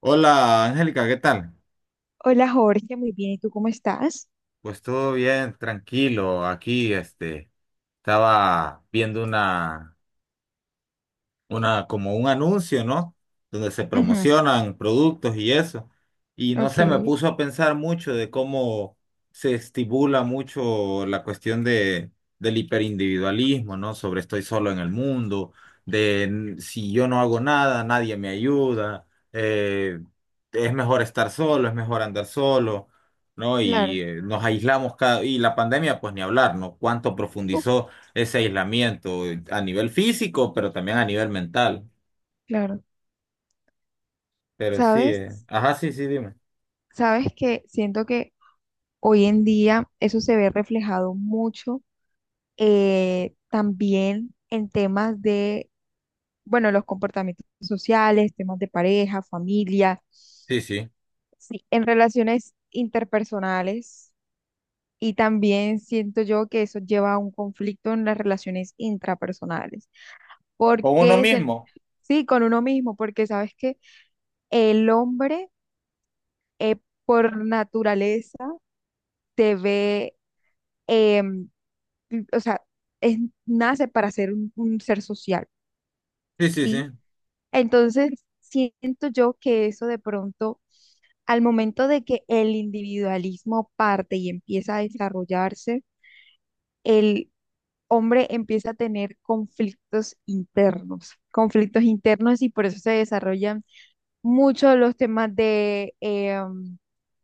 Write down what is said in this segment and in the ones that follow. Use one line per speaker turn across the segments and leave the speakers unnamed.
Hola, Angélica, ¿qué tal?
Hola Jorge, muy bien. ¿Y tú cómo estás?
Pues todo bien, tranquilo. Aquí, estaba viendo como un anuncio, ¿no? Donde se
Ujú.
promocionan productos y eso. Y no
Ok.
sé, me puso a pensar mucho de cómo se estimula mucho la cuestión del hiperindividualismo, ¿no? Sobre estoy solo en el mundo, si yo no hago nada, nadie me ayuda, eh, es mejor estar solo, es mejor andar solo. ¿No? Y
Claro.
nos aislamos cada... Y la pandemia, pues ni hablar, ¿no? Cuánto
Uf.
profundizó ese aislamiento a nivel físico, pero también a nivel mental.
Claro.
Pero sí,
Sabes,
ajá, sí, sí, dime.
sabes que siento que hoy en día eso se ve reflejado mucho también en temas de, bueno, los comportamientos sociales, temas de pareja, familia,
Sí, sí.
sí, en relaciones interpersonales, y también siento yo que eso lleva a un conflicto en las relaciones intrapersonales,
Con uno
porque se-
mismo.
sí, con uno mismo, porque sabes que el hombre, eh, por naturaleza, debe, em, o sea, es- nace para ser un ser social,
Sí, sí, sí,
¿sí? Entonces, siento yo que eso, de pronto, al momento de que el individualismo parte y empieza a desarrollarse, el hombre empieza a tener conflictos internos, y por eso se desarrollan mucho los temas de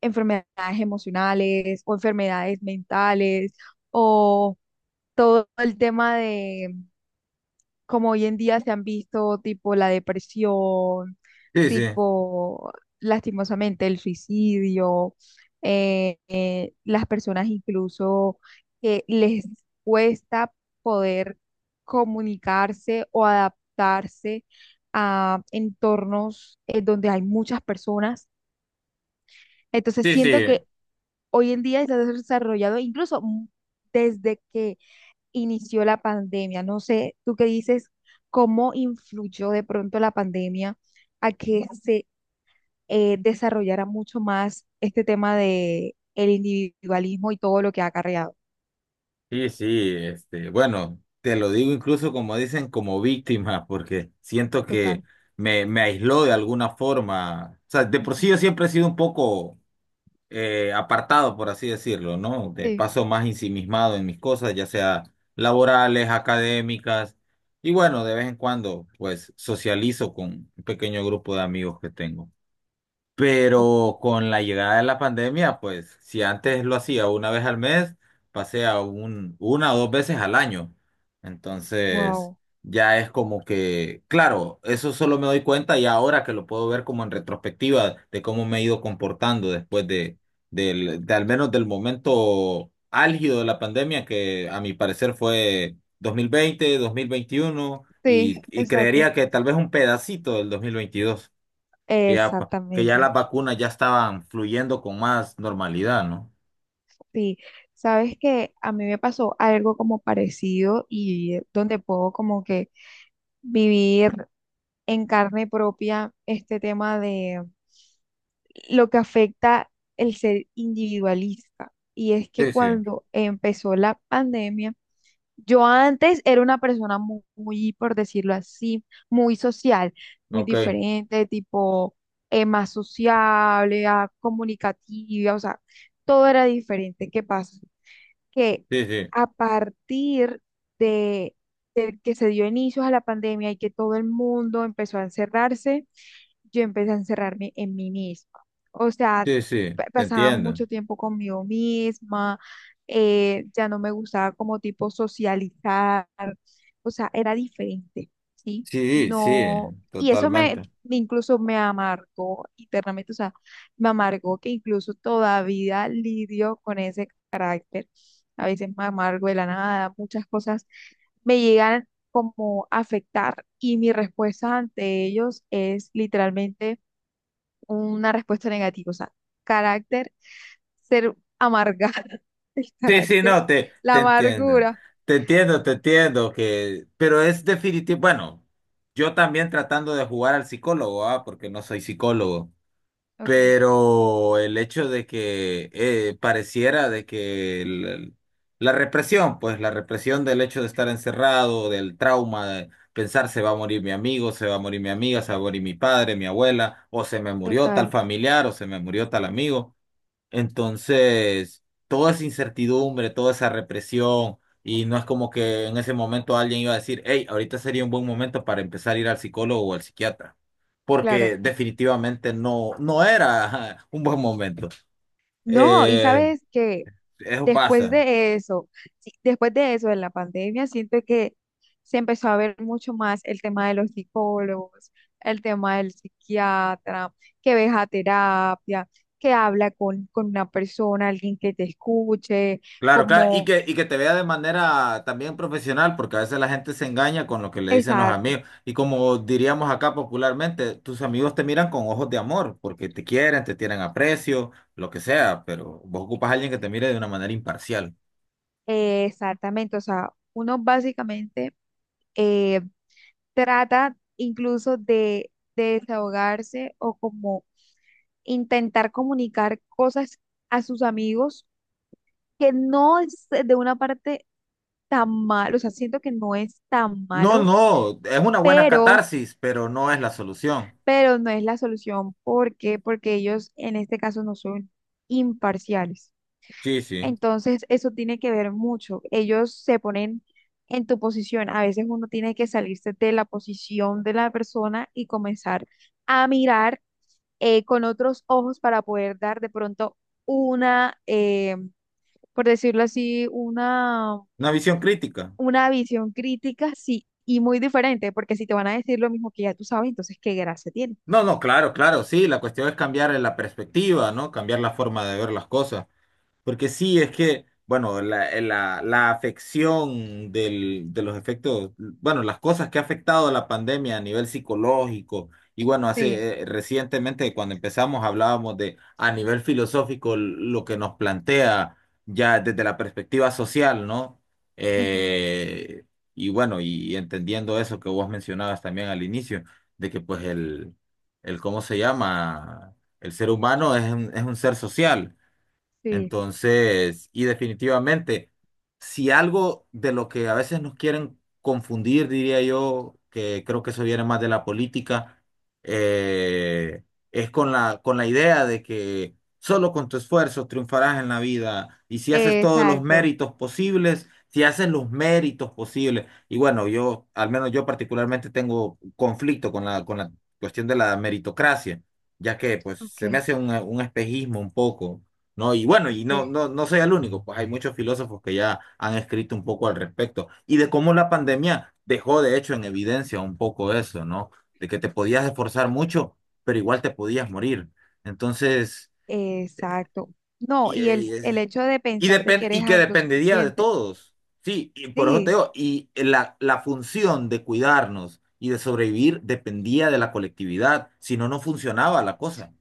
enfermedades emocionales o enfermedades mentales, o todo el tema de como hoy en día se han visto, tipo la depresión,
sí, sí,
tipo lastimosamente el suicidio. Las personas incluso que les cuesta poder comunicarse o adaptarse a entornos donde hay muchas personas. Entonces
sí,
siento
sí,
que hoy en día se ha desarrollado incluso, desde que inició la pandemia. No sé, tú qué dices, cómo influyó de pronto la pandemia a que se desarrollara mucho más este tema de el individualismo y todo lo que ha acarreado.
sí, sí, bueno, te lo digo incluso como dicen, como víctima, porque siento
Total.
que me aisló de alguna forma, o sea, de por
Ujú.
sí yo siempre he sido un poco apartado, por así decirlo, ¿no? De
Sí.
paso más ensimismado en mis cosas, ya sea laborales, académicas, y bueno, de vez en cuando, pues socializo con un pequeño grupo de amigos que tengo.
Ok.
Pero con la llegada de la pandemia, pues si antes lo hacía una vez al mes, pasé a una o dos veces al año. Entonces,
Wow.
ya es como que, claro, eso solo me doy cuenta y ahora que lo puedo ver como en retrospectiva de cómo me he ido comportando de al menos del momento álgido de la pandemia, que a mi parecer fue 2020, 2021
Sí,
y
exacto.
creería que tal vez un pedacito del 2022. Ya, pa- que ya
Exactamente.
las vacunas ya estaban fluyendo con más normalidad, ¿no?
Sí, sabes que a mí me pasó algo como parecido, y donde puedo como que vivir en carne propia este tema de lo que afecta el ser individualista. Y es que
Sí, sí,
cuando empezó la pandemia, yo antes era una persona muy, por decirlo así, muy social, muy
ok,
diferente, tipo más sociable, ah, comunicativa, o sea, todo era diferente. ¿Qué pasa? Que
sí, sí,
a partir de, de que se dio inicio a la pandemia y que todo el mundo empezó a encerrarse, yo empecé a encerrarme en mí misma. O sea,
sí, sí, te
pasaba
entiendo.
mucho tiempo conmigo misma, ya no me gustaba como tipo socializar, o sea, era diferente, ¿sí?
Sí, sí,
No, y eso me,
totalmente.
incluso me amargó internamente, o sea, me amargó, que incluso todavía lidio con ese carácter, a veces me amargo de la nada, muchas cosas me llegan como a afectar y mi respuesta ante ellos es literalmente una respuesta negativa, o sea, carácter, ser amargada, el
Sí, sí,
carácter,
no, te,
la
te entiendo.
amargura.
Te entiendo, te entiendo que, pero es definitivo, bueno, yo también tratando de jugar al psicólogo, ah, porque no soy psicólogo.
Ok.
Pero el hecho de que pareciera de que la represión, pues la represión del hecho de estar encerrado, del trauma, de pensar se va a morir mi amigo, se va a morir mi amiga, se va a morir mi padre, mi abuela, o se me murió tal
Total.
familiar, o se me murió tal amigo. Entonces, toda esa incertidumbre, toda esa represión, y no es como que en ese momento alguien iba a decir, hey, ahorita sería un buen momento para empezar a ir al psicólogo o al psiquiatra,
Claro.
porque definitivamente no, no era ajá, un buen momento.
No, y
Eh,
sabes que
eso
después
pasa.
de eso, sí, después de eso, de la pandemia, siento que se empezó a ver mucho más el tema de los psicólogos, el tema del psiquiatra, que ves a terapia, que habla con una persona, alguien que te escuche,
Claro, claro,
como,
y que te vea de manera también profesional, porque a veces la gente se engaña con lo que le dicen los
exacto.
amigos. Y como diríamos acá popularmente, tus amigos te miran con ojos de amor, porque te quieren, te tienen aprecio, lo que sea, pero vos ocupas a alguien que te mire de una manera imparcial.
Exactamente, o sea, uno básicamente eh, trata incluso de desahogarse o como intentar comunicar cosas a sus amigos, que no es de una parte tan malo, o sea, siento que no es tan
No,
malo,
no, es una buena
pero,
catarsis, pero no es la solución.
pero no es la solución. ¿Por qué? Porque ellos en este caso no son imparciales.
Sí, sí.
Entonces, eso tiene que ver mucho. Ellos se ponen en tu posición. A veces uno tiene que salirse de la posición de la persona y comenzar a mirar con otros ojos para poder dar de pronto una, por decirlo así,
Una visión crítica.
una visión crítica, sí, y muy diferente, porque si te van a decir lo mismo que ya tú sabes, entonces qué gracia tiene.
No, no, claro, claro, sí, la cuestión es cambiar la perspectiva, ¿no? Cambiar la forma de ver las cosas. Porque sí, es que, bueno, la afección de los efectos, bueno, las cosas que ha afectado la pandemia a nivel psicológico, y bueno,
Sí.
hace recientemente cuando empezamos hablábamos de a nivel filosófico lo que nos plantea ya desde la perspectiva social, ¿no?
Ujú.
Eh, y bueno, y entendiendo eso que vos mencionabas también al inicio, de que pues el ¿cómo se llama? El ser humano es un ser social.
Sí.
Entonces, y definitivamente, si algo de lo que a veces nos quieren confundir, diría yo, que creo que eso viene más de la política, eh, es con con la idea de que solo con tu esfuerzo triunfarás en la vida y si haces todos los
Exacto.
méritos posibles, si haces los méritos posibles. Y bueno, yo, al menos yo particularmente tengo conflicto con con la cuestión de la meritocracia, ya que pues
Ok,
se me hace un espejismo un poco. ¿No? Y bueno, y no,
ok.
no, no soy el único, pues hay muchos filósofos que ya han escrito un poco al respecto y de cómo la pandemia dejó de hecho en evidencia un poco eso, ¿no? De que te podías esforzar mucho, pero igual te podías morir. Entonces, eh,
Exacto. No,
y,
y
eh, y,
el
es-
hecho de
y
pensar de que eres
que dependería de
autosuficiente.
todos. Sí, y por eso te
Sí.
digo, y la función de cuidarnos y de sobrevivir dependía de la colectividad, si no, no funcionaba la cosa.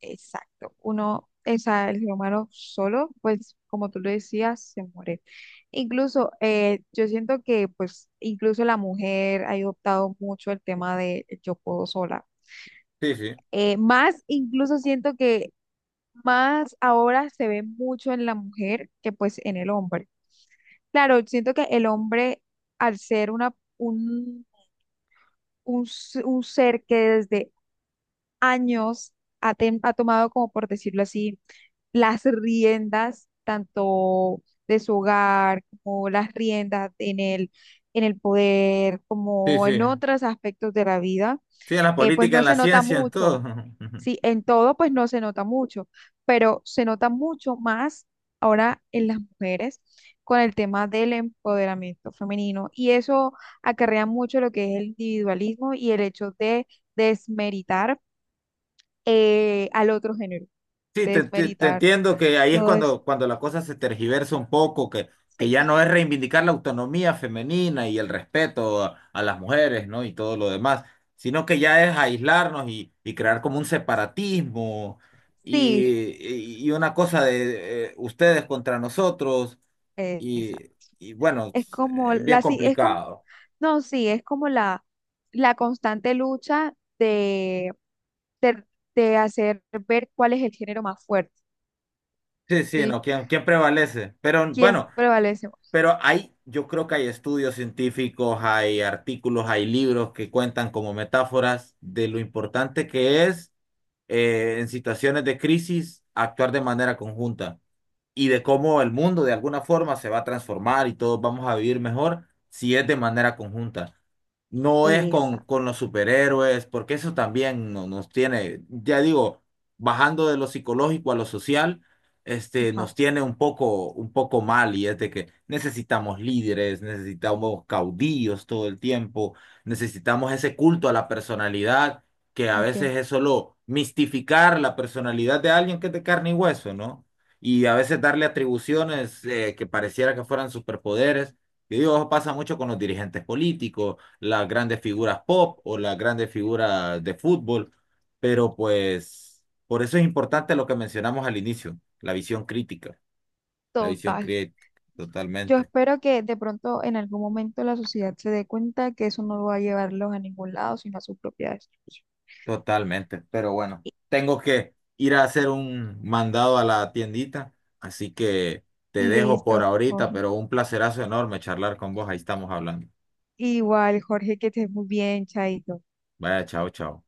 Exacto. Uno, esa el ser humano solo, pues como tú lo decías, se muere. Incluso, yo siento que pues incluso la mujer ha adoptado mucho el tema de yo puedo sola.
Sí, sí,
Más, incluso siento que más ahora se ve mucho en la mujer que pues en el hombre. Claro, siento que el hombre, al ser un, un ser que desde años ha tomado, como por decirlo así, las riendas tanto de su hogar como las riendas en el poder,
sí,
como
sí.
en otros aspectos de la vida,
Sí, en la
pues
política, en
no
la
se nota
ciencia, en todo.
mucho. Sí, en todo pues no se nota mucho, pero se nota mucho más ahora en las mujeres con el tema del empoderamiento femenino, y eso acarrea mucho lo que es el individualismo y el hecho de desmeritar al otro género,
Sí, te, te
desmeritar
entiendo que ahí es
todo eso.
cuando, cuando la cosa se tergiversa un poco, que ya no
Sí.
es reivindicar la autonomía femenina y el respeto a las mujeres, ¿no? Y todo lo demás, sino que ya es aislarnos y crear como un separatismo
Sí,
y una cosa de ustedes contra nosotros
esa.
y, y bueno, es, bien
Sí, es como,
complicado.
no, sí, es como la constante lucha de, de, de hacer ver cuál es el género más fuerte,
Sí, sí,
¿sí?
¿no? ¿Quién, quién prevalece? Pero
¿Quién
bueno.
prevalece más?
Pero hay, yo creo que hay estudios científicos, hay artículos, hay libros que cuentan como metáforas de lo importante que es en situaciones de crisis actuar de manera conjunta y de cómo el mundo de alguna forma se va a transformar y todos vamos a vivir mejor si es de manera conjunta. No es
Esa.
con los superhéroes, porque eso también nos tiene, ya digo, bajando de lo psicológico a lo social,
Ajá.
nos tiene un poco mal y es de que necesitamos líderes, necesitamos caudillos todo el tiempo, necesitamos ese culto a la personalidad, que a veces
Ok.
es solo mistificar la personalidad de alguien que es de carne y hueso, ¿no? Y a veces darle atribuciones que pareciera que fueran superpoderes. Y digo, eso pasa mucho con los dirigentes políticos las grandes figuras pop o las grandes figuras de fútbol, pero pues por eso es importante lo que mencionamos al inicio, la visión
Total.
crítica,
Yo
totalmente,
espero que de pronto en algún momento la sociedad se dé cuenta que eso no va a llevarlos a ningún lado, sino a su propia destrucción.
totalmente, pero bueno, tengo que ir a hacer un mandado a la tiendita, así que te dejo por
Listo,
ahorita,
Jorge.
pero un placerazo enorme charlar con vos, ahí estamos hablando.
Igual, Jorge, que estés muy bien, Chaito.
Vaya, chao, chao.